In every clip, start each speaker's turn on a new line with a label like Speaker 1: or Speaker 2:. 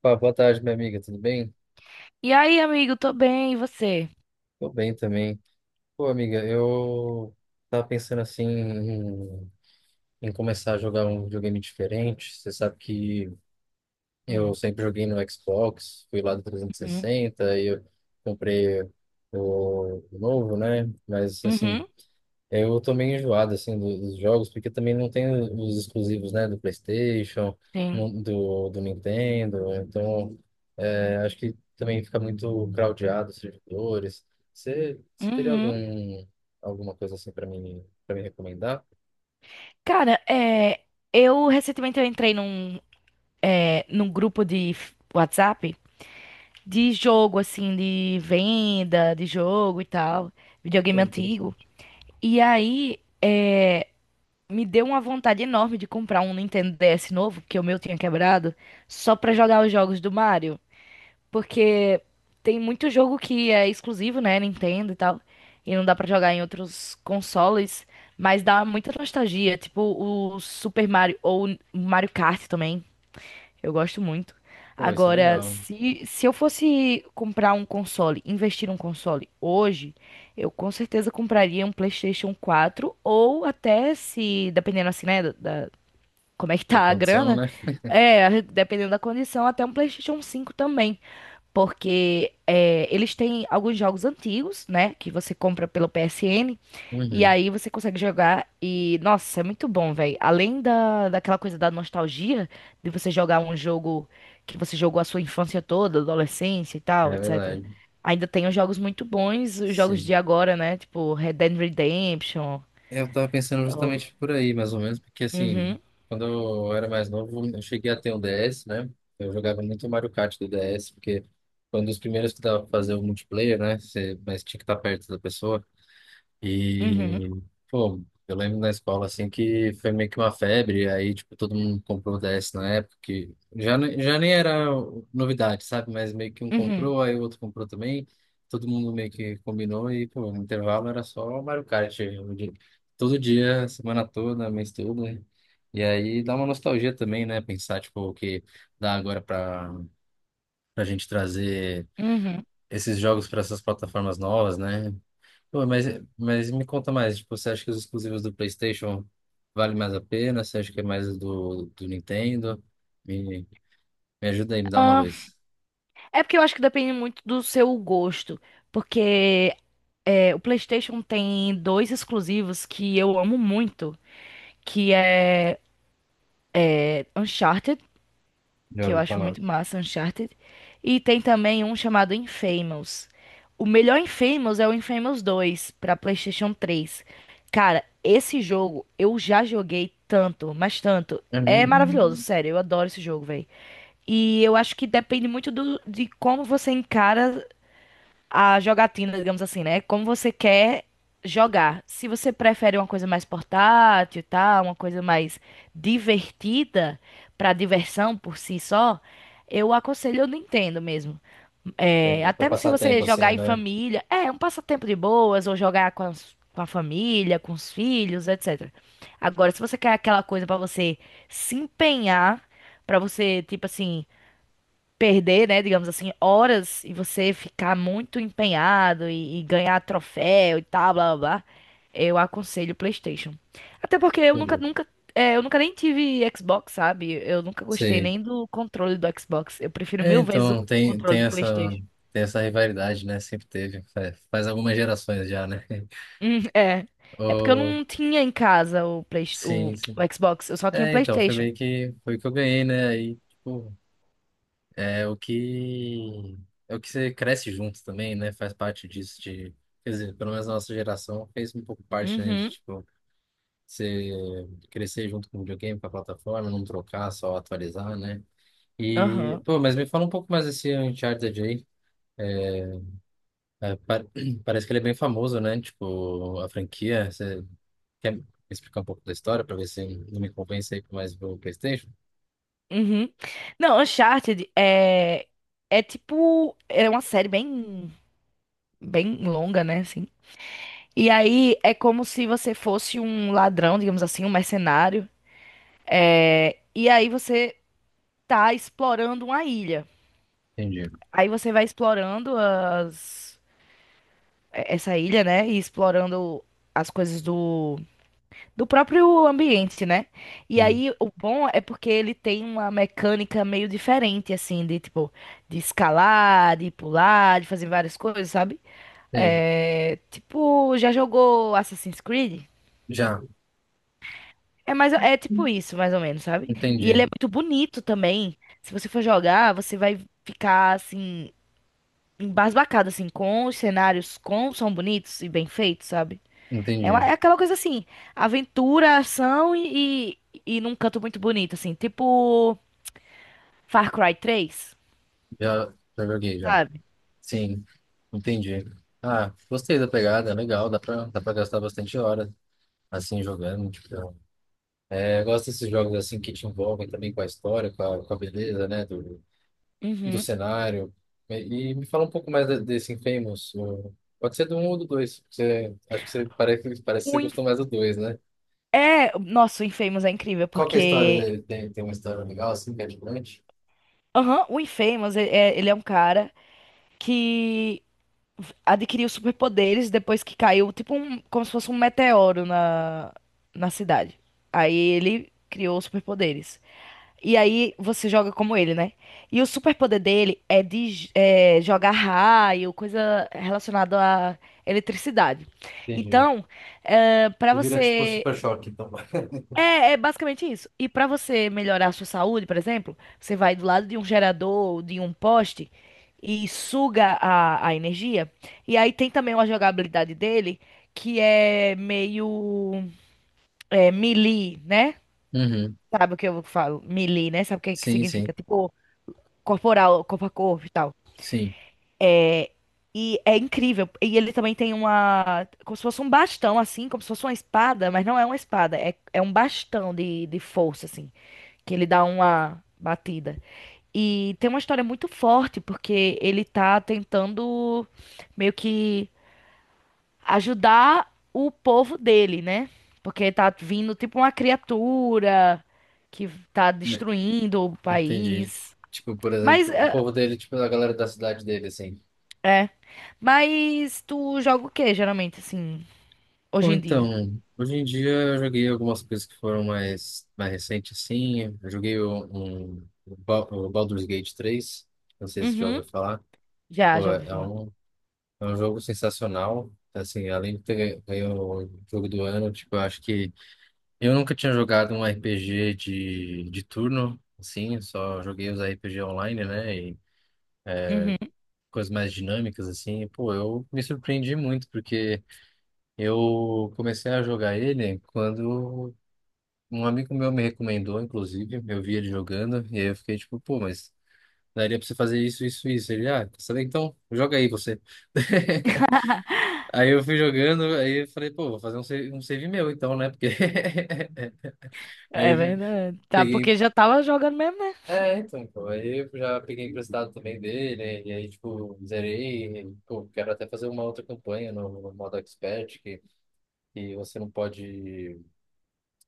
Speaker 1: Pá, boa tarde, minha amiga, tudo bem?
Speaker 2: E aí, amigo, tô bem, e você?
Speaker 1: Tô bem também. Pô, amiga, eu tava pensando assim em começar a jogar um videogame diferente. Você sabe que eu
Speaker 2: Hum,
Speaker 1: sempre joguei no Xbox, fui lá do 360 e
Speaker 2: Uhum,
Speaker 1: 60 e eu comprei o novo, né? Mas assim,
Speaker 2: uhum,
Speaker 1: eu tô meio enjoado assim dos jogos, porque também não tem os exclusivos, né, do PlayStation,
Speaker 2: sim.
Speaker 1: do Nintendo, então é, acho que também fica muito crowdado os servidores. Você teria
Speaker 2: Uhum.
Speaker 1: alguma coisa assim para mim, para me recomendar?
Speaker 2: Cara, é, eu recentemente eu entrei é, num grupo de WhatsApp de jogo, assim, de venda de jogo e tal, videogame
Speaker 1: Pô,
Speaker 2: antigo.
Speaker 1: interessante.
Speaker 2: E aí, me deu uma vontade enorme de comprar um Nintendo DS novo, porque o meu tinha quebrado, só pra jogar os jogos do Mario. Porque tem muito jogo que é exclusivo, né, Nintendo e tal, e não dá pra jogar em outros consoles, mas dá muita nostalgia, tipo o Super Mario ou o Mario Kart também, eu gosto muito.
Speaker 1: Pô, isso é
Speaker 2: Agora,
Speaker 1: legal.
Speaker 2: se eu fosse comprar um console, investir um console hoje, eu com certeza compraria um PlayStation 4 ou até se, dependendo assim, né, da- como é que tá
Speaker 1: Da
Speaker 2: a
Speaker 1: condição,
Speaker 2: grana,
Speaker 1: né?
Speaker 2: é, dependendo da condição, até um PlayStation 5 também. Porque é, eles têm alguns jogos antigos, né? Que você compra pelo PSN. E
Speaker 1: Uhum.
Speaker 2: aí você consegue jogar. E, nossa, é muito bom, velho. Além daquela coisa da nostalgia, de você jogar um jogo que você jogou a sua infância toda, adolescência e
Speaker 1: É
Speaker 2: tal, etc.
Speaker 1: verdade.
Speaker 2: Ainda tem os jogos muito bons, os jogos de
Speaker 1: Sim.
Speaker 2: agora, né? Tipo Red Dead Redemption.
Speaker 1: É, eu tava pensando
Speaker 2: ou-
Speaker 1: justamente por aí, mais ou menos, porque assim,
Speaker 2: Uhum,
Speaker 1: quando eu era mais novo, eu cheguei a ter um DS, né? Eu jogava muito Mario Kart do DS, porque foi um dos primeiros que dava pra fazer o multiplayer, né? Mas tinha que estar perto da pessoa. E,
Speaker 2: uhum,
Speaker 1: pô, eu lembro na escola, assim, que foi meio que uma febre, aí, tipo, todo mundo comprou o DS na época, que já, já nem era novidade, sabe? Mas meio que um
Speaker 2: uhum,
Speaker 1: comprou, aí o outro comprou também, todo mundo meio que combinou, e, pô, no intervalo era só Mario Kart, todo dia, semana toda, mês todo, né? E aí dá uma nostalgia também, né? Pensar, tipo, o que dá agora pra, gente trazer
Speaker 2: uhum.
Speaker 1: esses jogos para essas plataformas novas, né? Pô, mas me conta mais, tipo, você acha que os exclusivos do PlayStation valem mais a pena? Você acha que é mais do Nintendo? Me, me ajuda aí, me dá uma
Speaker 2: Ah,
Speaker 1: luz.
Speaker 2: é porque eu acho que depende muito do seu gosto. Porque o PlayStation tem dois exclusivos que eu amo muito, que é Uncharted,
Speaker 1: Já
Speaker 2: que eu
Speaker 1: ouvi
Speaker 2: acho
Speaker 1: falar.
Speaker 2: muito massa, Uncharted, e tem também um chamado Infamous. O melhor Infamous é o Infamous 2 para PlayStation 3. Cara, esse jogo eu já joguei tanto, mas tanto.
Speaker 1: É
Speaker 2: É
Speaker 1: mesmo?
Speaker 2: maravilhoso, sério, eu adoro esse jogo, velho. E eu acho que depende muito de como você encara a jogatina, digamos assim, né? Como você quer jogar. Se você prefere uma coisa mais portátil, tá? Uma coisa mais divertida para diversão por si só, eu aconselho o Nintendo mesmo.
Speaker 1: Tem,
Speaker 2: É,
Speaker 1: pra
Speaker 2: até se
Speaker 1: passar tempo
Speaker 2: você
Speaker 1: assim,
Speaker 2: jogar em
Speaker 1: né?
Speaker 2: família, é um passatempo de boas, ou jogar com com a família, com os filhos, etc. Agora, se você quer aquela coisa para você se empenhar, para você, tipo assim, perder, né, digamos assim, horas e você ficar muito empenhado e ganhar troféu e tal, blá blá blá, eu aconselho o PlayStation. Até porque
Speaker 1: Entendi.
Speaker 2: eu nunca nem tive Xbox, sabe? Eu nunca gostei
Speaker 1: Sim.
Speaker 2: nem do controle do Xbox. Eu prefiro
Speaker 1: É,
Speaker 2: mil vezes o
Speaker 1: então, tem,
Speaker 2: controle
Speaker 1: tem
Speaker 2: do
Speaker 1: essa,
Speaker 2: PlayStation.
Speaker 1: tem essa rivalidade, né? Sempre teve. Faz algumas gerações já, né?
Speaker 2: É. É porque eu
Speaker 1: Oh,
Speaker 2: não tinha em casa
Speaker 1: sim, sim.
Speaker 2: o Xbox, eu só tinha
Speaker 1: É, então, foi
Speaker 2: PlayStation.
Speaker 1: meio que, foi o que eu ganhei, né? Aí, tipo, É o que é o que você cresce junto também, né? Faz parte disso de, quer dizer, pelo menos a nossa geração fez um pouco parte, né, de
Speaker 2: Uhum,
Speaker 1: tipo você crescer junto com o videogame, com a plataforma, não trocar, só atualizar, né? E,
Speaker 2: aham,
Speaker 1: pô, mas me fala um pouco mais desse Uncharted aí. É, é, pa- Parece que ele é bem famoso, né? Tipo, a franquia, você quer me explicar um pouco da história para ver se não me convence aí com mais o PlayStation?
Speaker 2: uhum. Não, é tipo. É uma série bem. Bem longa, né, assim. E aí é como se você fosse um ladrão, digamos assim, um mercenário. E aí você tá explorando uma ilha.
Speaker 1: Entendi.
Speaker 2: Aí você vai explorando essa ilha, né? E explorando as coisas do... do próprio ambiente, né? E
Speaker 1: Sim.
Speaker 2: aí o bom é porque ele tem uma mecânica meio diferente, assim, de tipo, de escalar, de pular, de fazer várias coisas, sabe?
Speaker 1: Sim.
Speaker 2: É... Tipo, já jogou Assassin's Creed?
Speaker 1: Já,
Speaker 2: É mais, é tipo isso, mais ou menos, sabe? E ele
Speaker 1: entendi.
Speaker 2: é muito bonito também. Se você for jogar, você vai ficar assim embasbacado assim com os cenários, como são bonitos e bem feitos, sabe? É,
Speaker 1: Entendi.
Speaker 2: é aquela coisa assim, aventura, ação e num canto muito bonito assim, tipo Far Cry 3
Speaker 1: Já, já joguei já.
Speaker 2: sabe?
Speaker 1: Sim, entendi. Ah, gostei da pegada, legal, dá pra, gastar bastante hora assim jogando. Tipo, é, eu gosto desses jogos assim que te envolvem também com a história, com a beleza, né, do
Speaker 2: Uhum.
Speaker 1: cenário. E me fala um pouco mais desse Infamous. Pode ser do 1 ou do 2. Você, acho que você parece que você
Speaker 2: O Inf-
Speaker 1: gostou mais do 2, né?
Speaker 2: Nossa,
Speaker 1: Qual que é a história dele? Tem uma história legal assim, que é diferente?
Speaker 2: o Infamous ele é um cara que adquiriu superpoderes depois que caiu, tipo um, como se fosse um meteoro na cidade. Aí ele criou os superpoderes. E aí você joga como ele, né? E o superpoder dele é de jogar raio, coisa relacionada à eletricidade.
Speaker 1: Entendi.
Speaker 2: Então, para
Speaker 1: Vira tipo
Speaker 2: você
Speaker 1: Super Choque, então.
Speaker 2: é, é basicamente isso. E pra você melhorar a sua saúde, por exemplo, você vai do lado de um gerador, de um poste e suga a energia. E aí tem também uma jogabilidade dele que é meio é, melee, né?
Speaker 1: Uhum.
Speaker 2: Sabe o que eu falo? Melee, né? Sabe o que que
Speaker 1: Sim, sim,
Speaker 2: significa? Tipo, corporal, corpo a corpo e tal.
Speaker 1: sim.
Speaker 2: E é incrível. E ele também tem uma. Como se fosse um bastão, assim, como se fosse uma espada, mas não é uma espada, é um bastão de força, assim. Que ele dá uma batida. E tem uma história muito forte, porque ele tá tentando meio que ajudar o povo dele, né? Porque tá vindo tipo uma criatura que tá destruindo o
Speaker 1: Entendi.
Speaker 2: país.
Speaker 1: Tipo, por
Speaker 2: Mas
Speaker 1: exemplo, o
Speaker 2: é,
Speaker 1: povo dele, tipo, a galera da cidade dele, assim.
Speaker 2: é. Mas tu joga o quê, geralmente, assim,
Speaker 1: Ou
Speaker 2: hoje em dia?
Speaker 1: então, hoje em dia eu joguei algumas coisas que foram mais recentes, assim. Eu joguei o Baldur's Gate 3. Não sei se você já
Speaker 2: Uhum.
Speaker 1: ouviu falar.
Speaker 2: Já,
Speaker 1: Pô,
Speaker 2: já ouvi
Speaker 1: é
Speaker 2: falar.
Speaker 1: um, é um jogo sensacional. Assim, além de ter ganho o jogo do ano, tipo, eu acho que eu nunca tinha jogado um RPG de turno, assim, eu só joguei os RPG online, né?
Speaker 2: Uhum.
Speaker 1: Coisas mais dinâmicas, assim, pô, eu me surpreendi muito, porque eu comecei a jogar ele quando um amigo meu me recomendou, inclusive, eu vi ele jogando, e aí eu fiquei tipo, pô, mas daria pra você fazer isso, isso, isso. Ele, ah, quer saber então? Joga aí você. Aí eu fui jogando, aí eu falei, pô, vou fazer um save meu então, né? Porque.
Speaker 2: É
Speaker 1: Aí
Speaker 2: verdade. Tá,
Speaker 1: peguei,
Speaker 2: porque já tava jogando mesmo, né?
Speaker 1: É, então, aí eu já peguei emprestado também dele, e aí, tipo, zerei, e, pô, quero até fazer uma outra campanha no modo expert, que você não pode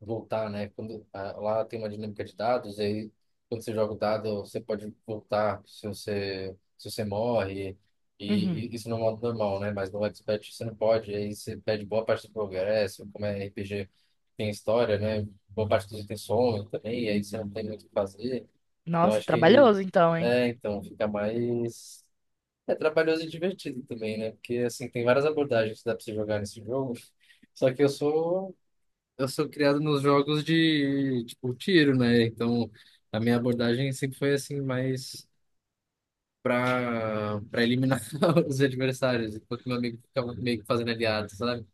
Speaker 1: voltar, né? Quando, ah, lá tem uma dinâmica de dados, e aí, quando você joga o dado, você pode voltar se você, morre, e,
Speaker 2: Uhum.
Speaker 1: e isso no modo normal, né? Mas no expert você não pode, aí você perde boa parte do progresso, como é RPG, tem história, né? Boa parte dos itens somem também, e aí você não tem muito o que fazer. Então
Speaker 2: Nossa,
Speaker 1: acho que ele.
Speaker 2: trabalhoso então, hein?
Speaker 1: É, então, fica mais. É trabalhoso e divertido também, né? Porque, assim, tem várias abordagens que dá pra você jogar nesse jogo. Só que eu sou. Eu sou criado nos jogos de, tipo, tiro, né? Então, a minha abordagem sempre foi, assim, mais pra eliminar os adversários, enquanto meu amigo ficava meio que fazendo aliado, sabe?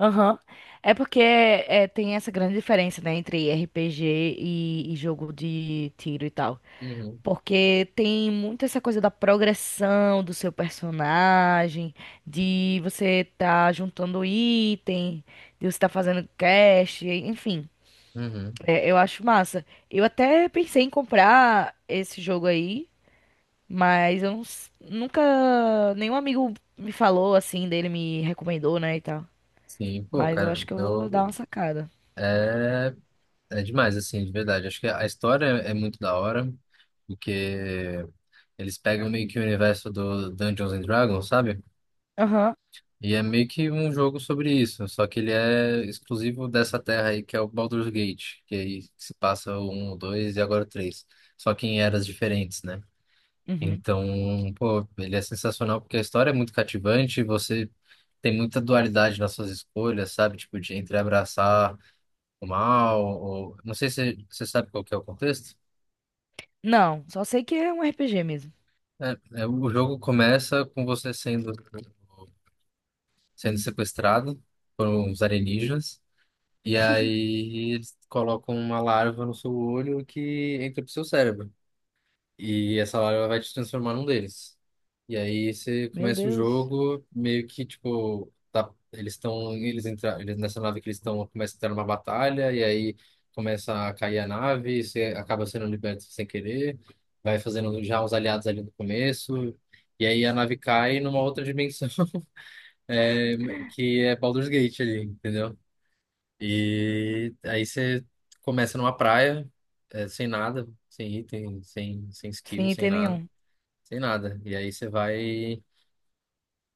Speaker 2: Aham. É porque é, tem essa grande diferença, né, entre RPG e jogo de tiro e tal.
Speaker 1: Uhum,
Speaker 2: Porque tem muito essa coisa da progressão do seu personagem, de você tá juntando item, de você tá fazendo quest, enfim.
Speaker 1: uhum.
Speaker 2: É, eu acho massa. Eu até pensei em comprar esse jogo aí, mas eu nunca. Nenhum amigo me falou assim dele, me recomendou, né, e tal.
Speaker 1: Sim, pô,
Speaker 2: Mas eu
Speaker 1: cara,
Speaker 2: acho que eu vou dar uma
Speaker 1: eu.
Speaker 2: sacada.
Speaker 1: É, é demais, assim, de verdade. Acho que a história é muito da hora. Porque eles pegam meio que o universo do Dungeons and Dragons, sabe?
Speaker 2: Aham.
Speaker 1: E é meio que um jogo sobre isso, só que ele é exclusivo dessa terra aí, que é o Baldur's Gate, que aí se passa o 1, o 2 e agora o 3, só que em eras diferentes, né?
Speaker 2: Uhum.
Speaker 1: Então, pô, ele é sensacional porque a história é muito cativante, você tem muita dualidade nas suas escolhas, sabe? Tipo, de entre abraçar o mal, ou... Não sei se você sabe qual que é o contexto.
Speaker 2: Não, só sei que é um RPG mesmo.
Speaker 1: É, o jogo começa com você sendo sequestrado por uns alienígenas. E aí eles colocam uma larva no seu olho que entra pro seu cérebro. E essa larva vai te transformar num deles. E aí você
Speaker 2: Meu
Speaker 1: começa o
Speaker 2: Deus,
Speaker 1: jogo meio que tipo. Tá, eles estão. Eles entram. Eles, nessa nave que eles estão. Começa a entrar numa batalha. E aí começa a cair a nave, e você acaba sendo liberto sem querer. Vai fazendo já uns aliados ali no começo. E aí a nave cai numa outra dimensão é, que é Baldur's Gate ali, entendeu? E aí você começa numa praia, sem nada, sem item, sem skill,
Speaker 2: sem
Speaker 1: sem
Speaker 2: item
Speaker 1: nada,
Speaker 2: nenhum.
Speaker 1: sem nada. E aí você vai,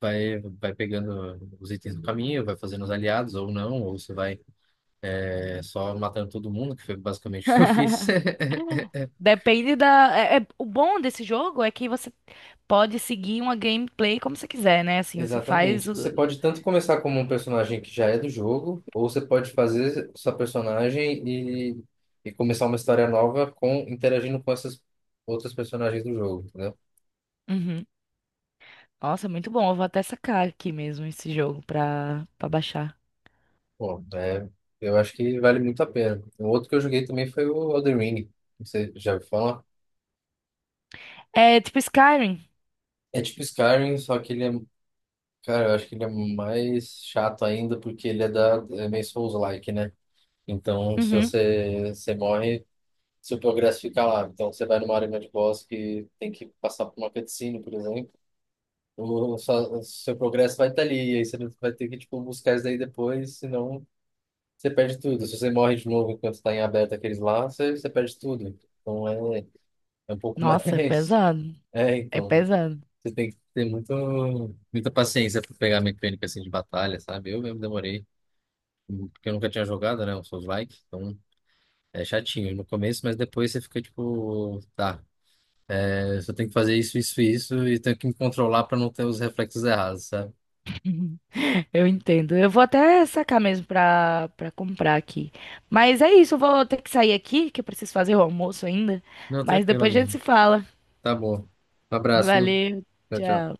Speaker 1: vai, vai pegando os itens do caminho, vai fazendo os aliados ou não, ou você vai, só matando todo mundo, que foi basicamente o que eu fiz.
Speaker 2: Depende da. O bom desse jogo é que você pode seguir uma gameplay como você quiser, né? Assim,
Speaker 1: Exatamente. Você pode tanto começar como um personagem que já é do jogo, ou você pode fazer sua personagem e começar uma história nova com interagindo com essas outras personagens do jogo, entendeu?
Speaker 2: Uhum. Nossa, é muito bom. Eu vou até sacar aqui mesmo esse jogo pra baixar.
Speaker 1: Pô, eu acho que vale muito a pena. O outro que eu joguei também foi o Elden Ring. Você já ouviu falar?
Speaker 2: É tipo Skyrim.
Speaker 1: É tipo Skyrim, só que ele é, cara, eu acho que ele é mais chato ainda porque ele é da é meio Souls-like, né? Então, se
Speaker 2: Uhum.
Speaker 1: você, morre se o progresso ficar lá. Então, você vai numa arena de boss que tem que passar por uma cutscene, por exemplo. O seu progresso vai estar ali, e aí você vai ter que, tipo, buscar isso daí depois, senão você perde tudo. Se você morre de novo enquanto está em aberto aqueles lá, você perde tudo. Então, é, é um pouco
Speaker 2: Nossa, é
Speaker 1: mais...
Speaker 2: pesado.
Speaker 1: É,
Speaker 2: É
Speaker 1: então,
Speaker 2: pesado.
Speaker 1: você tem que ter muita paciência para pegar a mecânica, assim, de batalha, sabe? Eu mesmo demorei, porque eu nunca tinha jogado, né, o Souls-like, então... É chatinho no começo, mas depois você fica tipo, tá, eu só tenho que fazer isso, isso, isso e tenho que me controlar para não ter os reflexos errados, sabe?
Speaker 2: Uhum. Eu entendo. Eu vou até sacar mesmo pra comprar aqui. Mas é isso, eu vou ter que sair aqui, que eu preciso fazer o almoço ainda.
Speaker 1: Não,
Speaker 2: Mas
Speaker 1: tranquilo,
Speaker 2: depois a gente
Speaker 1: amiga.
Speaker 2: se fala.
Speaker 1: Tá bom. Um abraço, viu?
Speaker 2: Valeu,
Speaker 1: Tchau, tchau.
Speaker 2: tchau.